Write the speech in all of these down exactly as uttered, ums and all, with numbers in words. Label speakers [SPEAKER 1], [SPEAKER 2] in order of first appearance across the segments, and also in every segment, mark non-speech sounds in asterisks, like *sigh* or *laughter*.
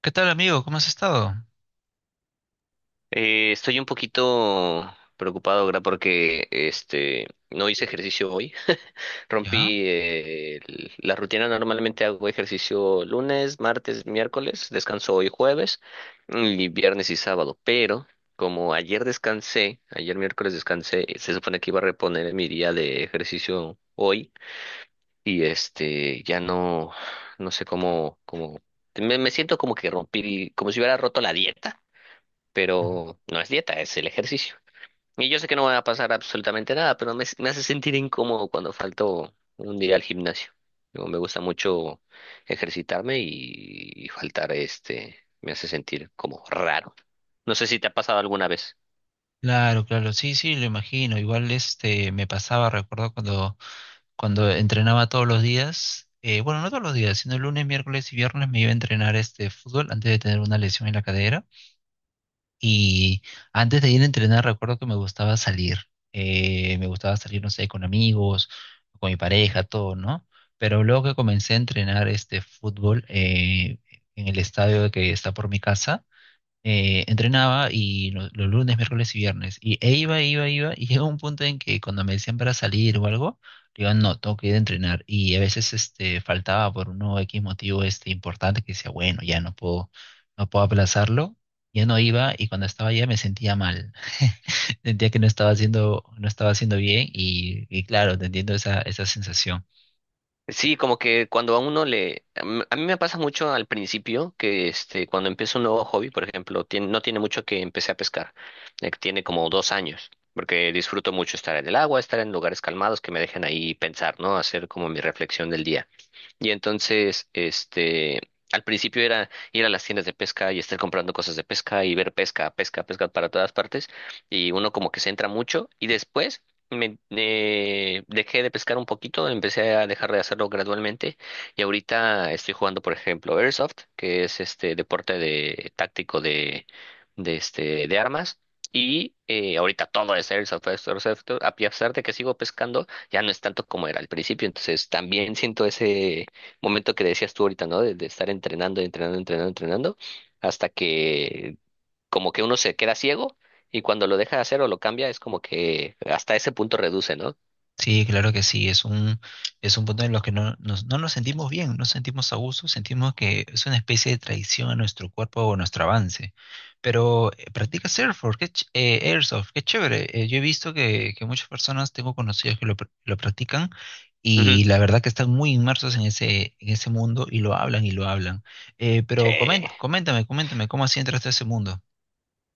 [SPEAKER 1] ¿Qué tal, amigo? ¿Cómo has estado?
[SPEAKER 2] Eh, estoy un poquito preocupado ahora porque este no hice ejercicio hoy.
[SPEAKER 1] ¿Ya?
[SPEAKER 2] Rompí eh, el- la rutina. Normalmente hago ejercicio lunes, martes, miércoles, descanso hoy jueves y viernes y sábado. Pero como ayer descansé, ayer miércoles descansé, se supone que iba a reponer mi día de ejercicio hoy y este ya no, no sé cómo, cómo me, me siento como que rompí como si hubiera roto la dieta,
[SPEAKER 1] Ujú.
[SPEAKER 2] pero no es dieta, es el ejercicio. Y yo sé que no va a pasar absolutamente nada, pero me, me hace sentir incómodo cuando falto un día al gimnasio. Digo, me gusta mucho ejercitarme y, y faltar este me hace sentir como raro. No sé si te ha pasado alguna vez.
[SPEAKER 1] Claro, claro, sí, sí, lo imagino. Igual este me pasaba, recuerdo cuando, cuando entrenaba todos los días, eh, bueno, no todos los días, sino lunes, miércoles y viernes me iba a entrenar este fútbol antes de tener una lesión en la cadera. Y antes de ir a entrenar, recuerdo que me gustaba salir. Eh, me gustaba salir, no sé, con amigos, con mi pareja, todo, ¿no? Pero luego que comencé a entrenar este fútbol eh, en el estadio que está por mi casa, eh, entrenaba y lo- los lunes, miércoles y viernes. Y e iba, iba, iba. Y *laughs* llegó un punto en que cuando me decían para salir o algo, le digo, no, tengo que ir a entrenar. Y a veces este, faltaba por uno X motivo este, importante que decía, bueno, ya no puedo, no puedo aplazarlo. Ya no iba y cuando estaba allá me sentía mal. *laughs* Sentía que no estaba haciendo, no estaba haciendo bien y, y claro, te entiendo esa, esa sensación.
[SPEAKER 2] Sí, como que cuando a uno le... A m- a mí me pasa mucho al principio que este, cuando empiezo un nuevo hobby, por ejemplo, tien- no tiene mucho que empecé a pescar, eh, que tiene como dos años, porque disfruto mucho estar en el agua, estar en lugares calmados que me dejen ahí pensar, ¿no? Hacer como mi reflexión del día. Y entonces, este, al principio era ir a las tiendas de pesca y estar comprando cosas de pesca y ver pesca, pesca, pesca para todas partes. Y uno como que se entra mucho. Y después me eh, dejé de pescar un poquito, empecé a dejar de hacerlo gradualmente. Y ahorita estoy jugando, por ejemplo, Airsoft, que es este deporte de táctico de, de este, de armas. Y eh, ahorita todo es Airsoft, Airsoft, Airsoft, a pesar de que sigo pescando ya no es tanto como era al principio, entonces también siento ese momento que decías tú ahorita, ¿no? De, de estar entrenando, entrenando, entrenando, entrenando, hasta que como que uno se queda ciego y cuando lo deja de hacer o lo cambia, es como que hasta ese punto reduce, ¿no?
[SPEAKER 1] Sí, claro que sí, es un, es un punto en los que no nos, no nos sentimos bien, no sentimos a gusto, sentimos que es una especie de traición a nuestro cuerpo o a nuestro avance. Pero eh, practica surfboard, qué ch- eh, airsoft, qué chévere. Eh, yo he visto que, que muchas personas, tengo conocidos que lo, pr- lo practican
[SPEAKER 2] Ujú.
[SPEAKER 1] y la verdad que están muy inmersos en ese, en ese mundo y lo hablan y lo hablan. Eh, pero comen-
[SPEAKER 2] Sí.
[SPEAKER 1] coméntame, coméntame, ¿cómo así entraste a ese mundo?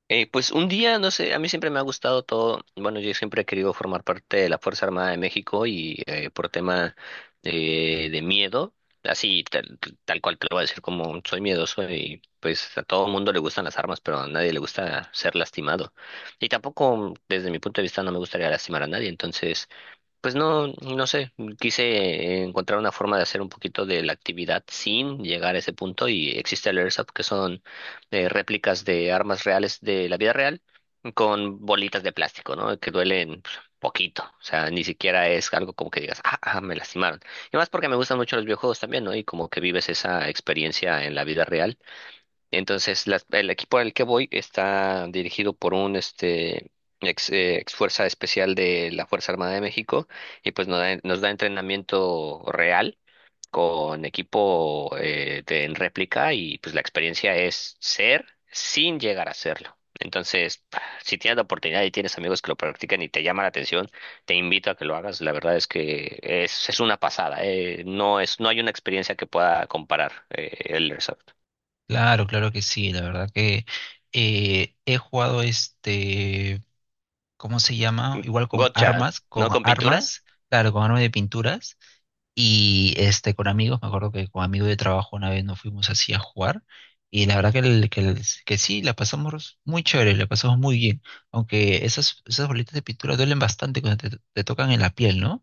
[SPEAKER 2] Eh, pues un día, no sé, a mí siempre me ha gustado todo, bueno, yo siempre he querido formar parte de la Fuerza Armada de México y eh, por tema eh, de miedo, así tal, tal cual te lo voy a decir como soy miedoso y pues a todo mundo le gustan las armas, pero a nadie le gusta ser lastimado. Y tampoco, desde mi punto de vista, no me gustaría lastimar a nadie, entonces... Pues no, no sé, quise encontrar una forma de hacer un poquito de la actividad sin llegar a ese punto y existe el Airsoft que son eh, réplicas de armas reales de la vida real con bolitas de plástico, ¿no? Que duelen pues, poquito, o sea, ni siquiera es algo como que digas, ah, ah, me lastimaron. Y más porque me gustan mucho los videojuegos también, ¿no? Y como que vives esa experiencia en la vida real entonces, las- el equipo al que voy está dirigido por un este ex, eh, ex fuerza especial de la Fuerza Armada de México y pues nos da, nos da entrenamiento real con equipo eh, de, en réplica y pues la experiencia es ser sin llegar a serlo. Entonces, si tienes la oportunidad y tienes amigos que lo practican y te llama la atención, te invito a que lo hagas. La verdad es que es, es una pasada. eh, No es, no hay una experiencia que pueda comparar eh, el Airsoft.
[SPEAKER 1] Claro, claro que sí, la verdad que eh, he jugado este... ¿Cómo se llama? Igual con
[SPEAKER 2] Gotcha,
[SPEAKER 1] armas,
[SPEAKER 2] ¿no?
[SPEAKER 1] con
[SPEAKER 2] ¿Con pintura?
[SPEAKER 1] armas, claro, con armas de pinturas y este con amigos, me acuerdo que con amigos de trabajo una vez nos fuimos así a jugar y la verdad que, el- que, el- que sí, la pasamos muy chévere, la pasamos muy bien, aunque esas, esas bolitas de pintura duelen bastante cuando te, te tocan en la piel, ¿no?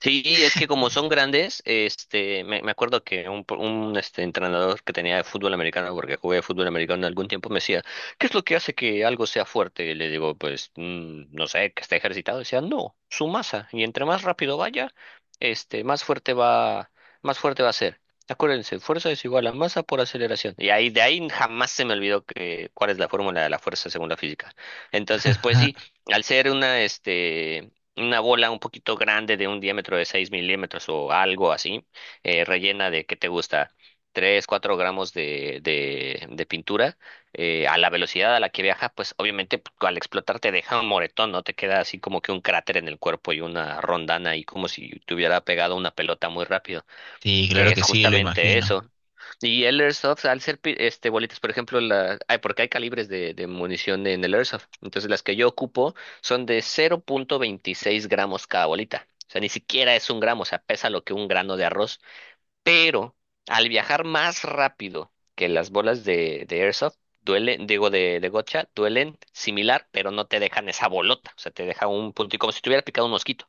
[SPEAKER 2] Sí, es que como son
[SPEAKER 1] *laughs*
[SPEAKER 2] grandes, este, me, me acuerdo que un, pro- un este, entrenador que tenía de fútbol americano, porque jugué fútbol americano algún tiempo, me decía, ¿qué es lo que hace que algo sea fuerte? Y le digo, pues, mm, no sé, que esté ejercitado. Decía, no, su masa. Y entre más rápido vaya, este, más fuerte va, más fuerte va a ser. Acuérdense, fuerza es igual a masa por aceleración. Y ahí, de ahí jamás se me olvidó que, cuál es la fórmula de la fuerza según la física. Entonces, pues sí, al ser una, este una bola un poquito grande de un diámetro de seis milímetros o algo así, eh, rellena de, ¿qué te gusta? tres cuatro gramos de, de, de pintura, eh, a la velocidad a la que viaja, pues obviamente p- al explotar te deja un moretón, ¿no? Te queda así como que un cráter en el cuerpo y una rondana y como si te hubiera pegado una pelota muy rápido,
[SPEAKER 1] Sí,
[SPEAKER 2] que
[SPEAKER 1] claro
[SPEAKER 2] es
[SPEAKER 1] que sí, lo
[SPEAKER 2] justamente
[SPEAKER 1] imagino.
[SPEAKER 2] eso. Y el Airsoft, al ser pi- este, bolitas, por ejemplo, la, ay, porque hay calibres de, de munición en el Airsoft. Entonces, las que yo ocupo son de cero punto veintiséis gramos cada bolita. O sea, ni siquiera es un gramo, o sea, pesa lo que un grano de arroz. Pero al viajar más rápido que las bolas de, de Airsoft, duelen, digo, de, de gotcha, duelen similar, pero no te dejan esa bolota. O sea, te deja un punto, y como si te hubiera picado un mosquito.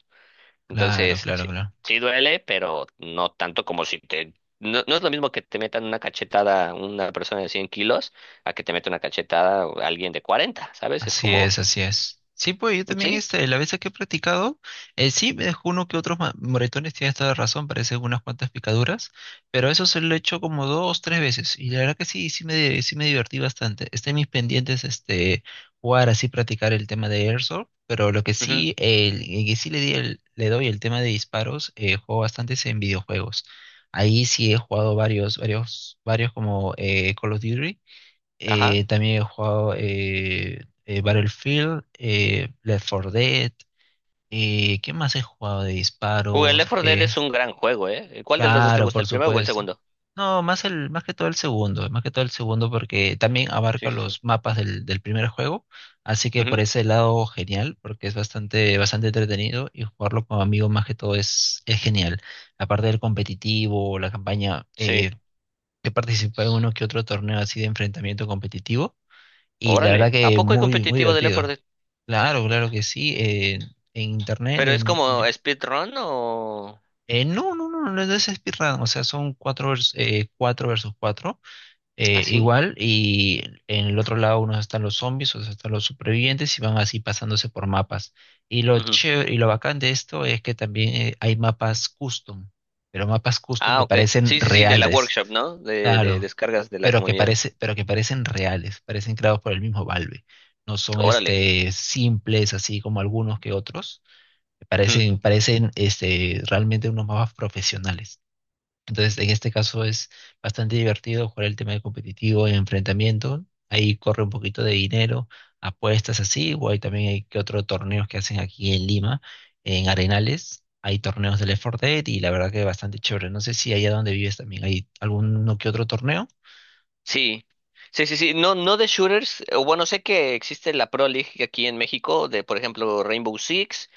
[SPEAKER 1] Claro,
[SPEAKER 2] Entonces,
[SPEAKER 1] claro,
[SPEAKER 2] sí,
[SPEAKER 1] claro.
[SPEAKER 2] sí duele, pero no tanto como si te... No, no es lo mismo que te metan una cachetada una persona de cien kilos a que te meta una cachetada alguien de cuarenta, ¿sabes? Es
[SPEAKER 1] Así
[SPEAKER 2] como...
[SPEAKER 1] es, así es. Sí, pues yo también
[SPEAKER 2] Sí.
[SPEAKER 1] este, la vez que he practicado, eh, sí me dejó uno que otros ma- moretones, tienes toda la razón, parecen unas cuantas picaduras, pero eso se lo he hecho como dos, tres veces, y la verdad que sí, sí me, sí me divertí bastante. Está en mis pendientes este, jugar así, practicar el tema de Airsoft, pero lo que
[SPEAKER 2] Ujú.
[SPEAKER 1] sí, el, el que sí le di el- le doy el tema de disparos, eh, juego bastantes en videojuegos. Ahí sí he jugado varios, varios, varios como eh, Call of Duty.
[SPEAKER 2] Ajá.
[SPEAKER 1] Eh, también he jugado eh, eh, Battlefield, eh, Left for Dead. Eh, ¿qué más he jugado de
[SPEAKER 2] Google
[SPEAKER 1] disparos?
[SPEAKER 2] Left 4 Dead
[SPEAKER 1] Eh,
[SPEAKER 2] es un gran juego, ¿eh? ¿Cuál de los dos te
[SPEAKER 1] claro,
[SPEAKER 2] gusta,
[SPEAKER 1] por
[SPEAKER 2] el primero o el
[SPEAKER 1] supuesto.
[SPEAKER 2] segundo?
[SPEAKER 1] No, más el, más que todo el segundo, más que todo el segundo porque también
[SPEAKER 2] Sí,
[SPEAKER 1] abarca
[SPEAKER 2] sí, sí.
[SPEAKER 1] los mapas del, del primer juego, así que por
[SPEAKER 2] Ujú.
[SPEAKER 1] ese lado genial, porque es bastante, bastante entretenido y jugarlo con amigos más que todo es, es genial. Aparte del competitivo, la campaña,
[SPEAKER 2] Sí.
[SPEAKER 1] eh, he participado en uno que otro torneo así de enfrentamiento competitivo y la verdad
[SPEAKER 2] Órale. ¿A
[SPEAKER 1] que
[SPEAKER 2] poco hay
[SPEAKER 1] muy, muy
[SPEAKER 2] competitivo de Left 4
[SPEAKER 1] divertido.
[SPEAKER 2] Dead?
[SPEAKER 1] Claro, claro que sí. Eh, en internet,
[SPEAKER 2] ¿Pero es
[SPEAKER 1] en, en
[SPEAKER 2] como
[SPEAKER 1] Yo-
[SPEAKER 2] speedrun o...?
[SPEAKER 1] eh, no, no, no, no, no es speedrun. O sea, son cuatro, vers- eh, cuatro versus cuatro. Eh,
[SPEAKER 2] ¿Ah, sí?
[SPEAKER 1] igual, y en el otro lado unos están los zombies, otros están los supervivientes y van así pasándose por mapas. Y lo
[SPEAKER 2] Ujú.
[SPEAKER 1] chévere, y lo bacán de esto es que también eh, hay mapas custom, pero mapas custom
[SPEAKER 2] Ah,
[SPEAKER 1] que
[SPEAKER 2] ok.
[SPEAKER 1] parecen
[SPEAKER 2] Sí, sí, sí, de la
[SPEAKER 1] reales.
[SPEAKER 2] workshop, ¿no? De, de
[SPEAKER 1] Claro,
[SPEAKER 2] descargas de la
[SPEAKER 1] pero que
[SPEAKER 2] comunidad.
[SPEAKER 1] parece, pero que parecen reales, parecen creados por el mismo Valve. No son
[SPEAKER 2] Órale.
[SPEAKER 1] este simples así como algunos que otros. Parecen, parecen este realmente unos mapas profesionales. Entonces, en este caso es bastante divertido jugar el tema de competitivo en enfrentamiento. Ahí corre un poquito de dinero, apuestas así, o hay también hay que otros torneos que hacen aquí en Lima, en Arenales. Hay torneos de Left for Dead y la verdad que es bastante chévere. No sé si allá donde vives también hay alguno que otro torneo.
[SPEAKER 2] Sí, sí, sí, sí. No, no de shooters. O bueno, sé que existe la Pro League aquí en México, de por ejemplo Rainbow Six.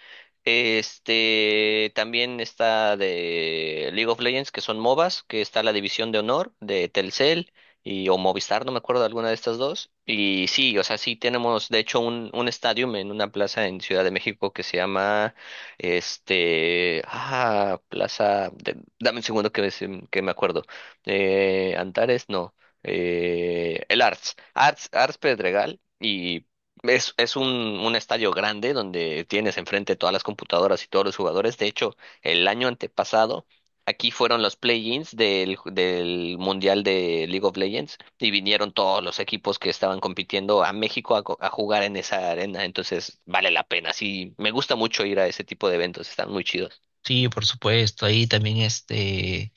[SPEAKER 2] Este, también está de League of Legends, que son MOBAs, que está la división de honor de Telcel y o Movistar, no me acuerdo de alguna de estas dos. Y sí, o sea, sí tenemos de hecho un un estadio en una plaza en Ciudad de México que se llama este, ah, plaza de- dame un segundo que me, se- que me acuerdo. Eh, Antares, no. Eh, el Arts, Arts, Arts Pedregal. Es, es un, un estadio grande donde tienes enfrente todas las computadoras y todos los jugadores. De hecho, el año antepasado, aquí fueron los play-ins del, ju- del Mundial de League of Legends y vinieron todos los equipos que estaban compitiendo a México a, co- a jugar en esa arena. Entonces, vale la pena. Sí, me gusta mucho ir a ese tipo de eventos. Están muy chidos.
[SPEAKER 1] Sí, por supuesto, ahí también este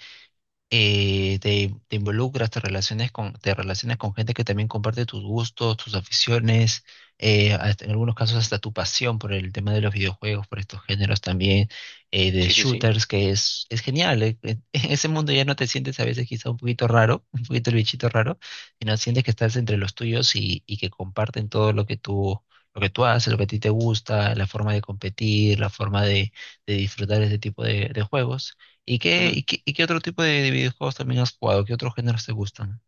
[SPEAKER 1] eh, te, te involucras, te relacionas con, te relacionas con gente que también comparte tus gustos, tus aficiones, eh, hasta- en algunos casos hasta tu pasión por el tema de los videojuegos, por estos géneros también, eh, de
[SPEAKER 2] Sí, sí, sí.
[SPEAKER 1] shooters, que es, es genial. eh, En *laughs* en ese mundo ya no te sientes a veces quizá un poquito raro, *laughs* un poquito el bichito raro, sino sientes que estás entre los tuyos y, y que comparten todo lo que tú... lo que tú haces, lo que a ti te gusta, la forma de competir, la forma de, de disfrutar ese tipo de de juegos. ¿Y qué, y qué, y qué otro tipo de, de videojuegos también has jugado? ¿Qué otros géneros te gustan?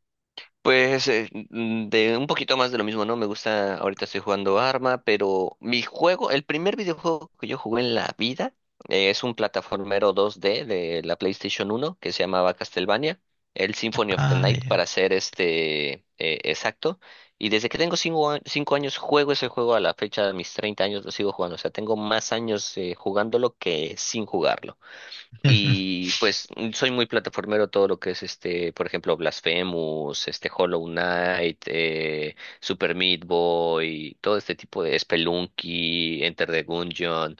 [SPEAKER 2] Pues eh, mm, de un poquito más de lo mismo, ¿no? Me gusta, ahorita estoy jugando Arma, pero mi juego, el primer videojuego que yo jugué en la vida eh, es un plataformero dos D de la PlayStation uno que se llamaba Castlevania, el Symphony of the
[SPEAKER 1] Ah,
[SPEAKER 2] Night
[SPEAKER 1] ya.
[SPEAKER 2] para ser este eh, exacto. Y desde que tengo cinco, a- cinco años juego ese juego a la fecha de mis treinta años lo sigo jugando, o sea, tengo más años eh, jugándolo que sin jugarlo.
[SPEAKER 1] *laughs*
[SPEAKER 2] Y pues mm, soy muy plataformero todo lo que es este, por ejemplo, Blasphemous, este Hollow Knight, eh, Super Meat Boy, todo este tipo de Spelunky, Enter the Gungeon,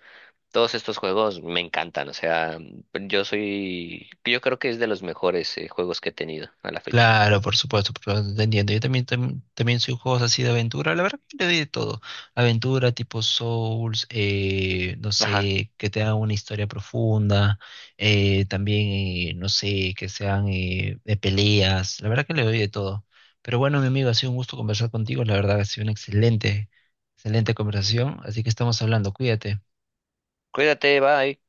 [SPEAKER 2] todos estos juegos me encantan, o sea, yo soy, yo creo que es de los mejores eh, juegos que he tenido a la fecha.
[SPEAKER 1] Claro, por supuesto, por supuesto, te entiendo. Yo también, tam- también soy juegos así de aventura. La verdad que le doy de todo. Aventura tipo Souls, eh, no
[SPEAKER 2] Ajá.
[SPEAKER 1] sé, que te hagan una historia profunda. Eh, también, eh, no sé, que sean eh, de peleas. La verdad que le doy de todo. Pero bueno, mi amigo, ha sido un gusto conversar contigo. La verdad, ha sido una excelente, excelente conversación. Así que estamos hablando. Cuídate.
[SPEAKER 2] Cuídate, bye.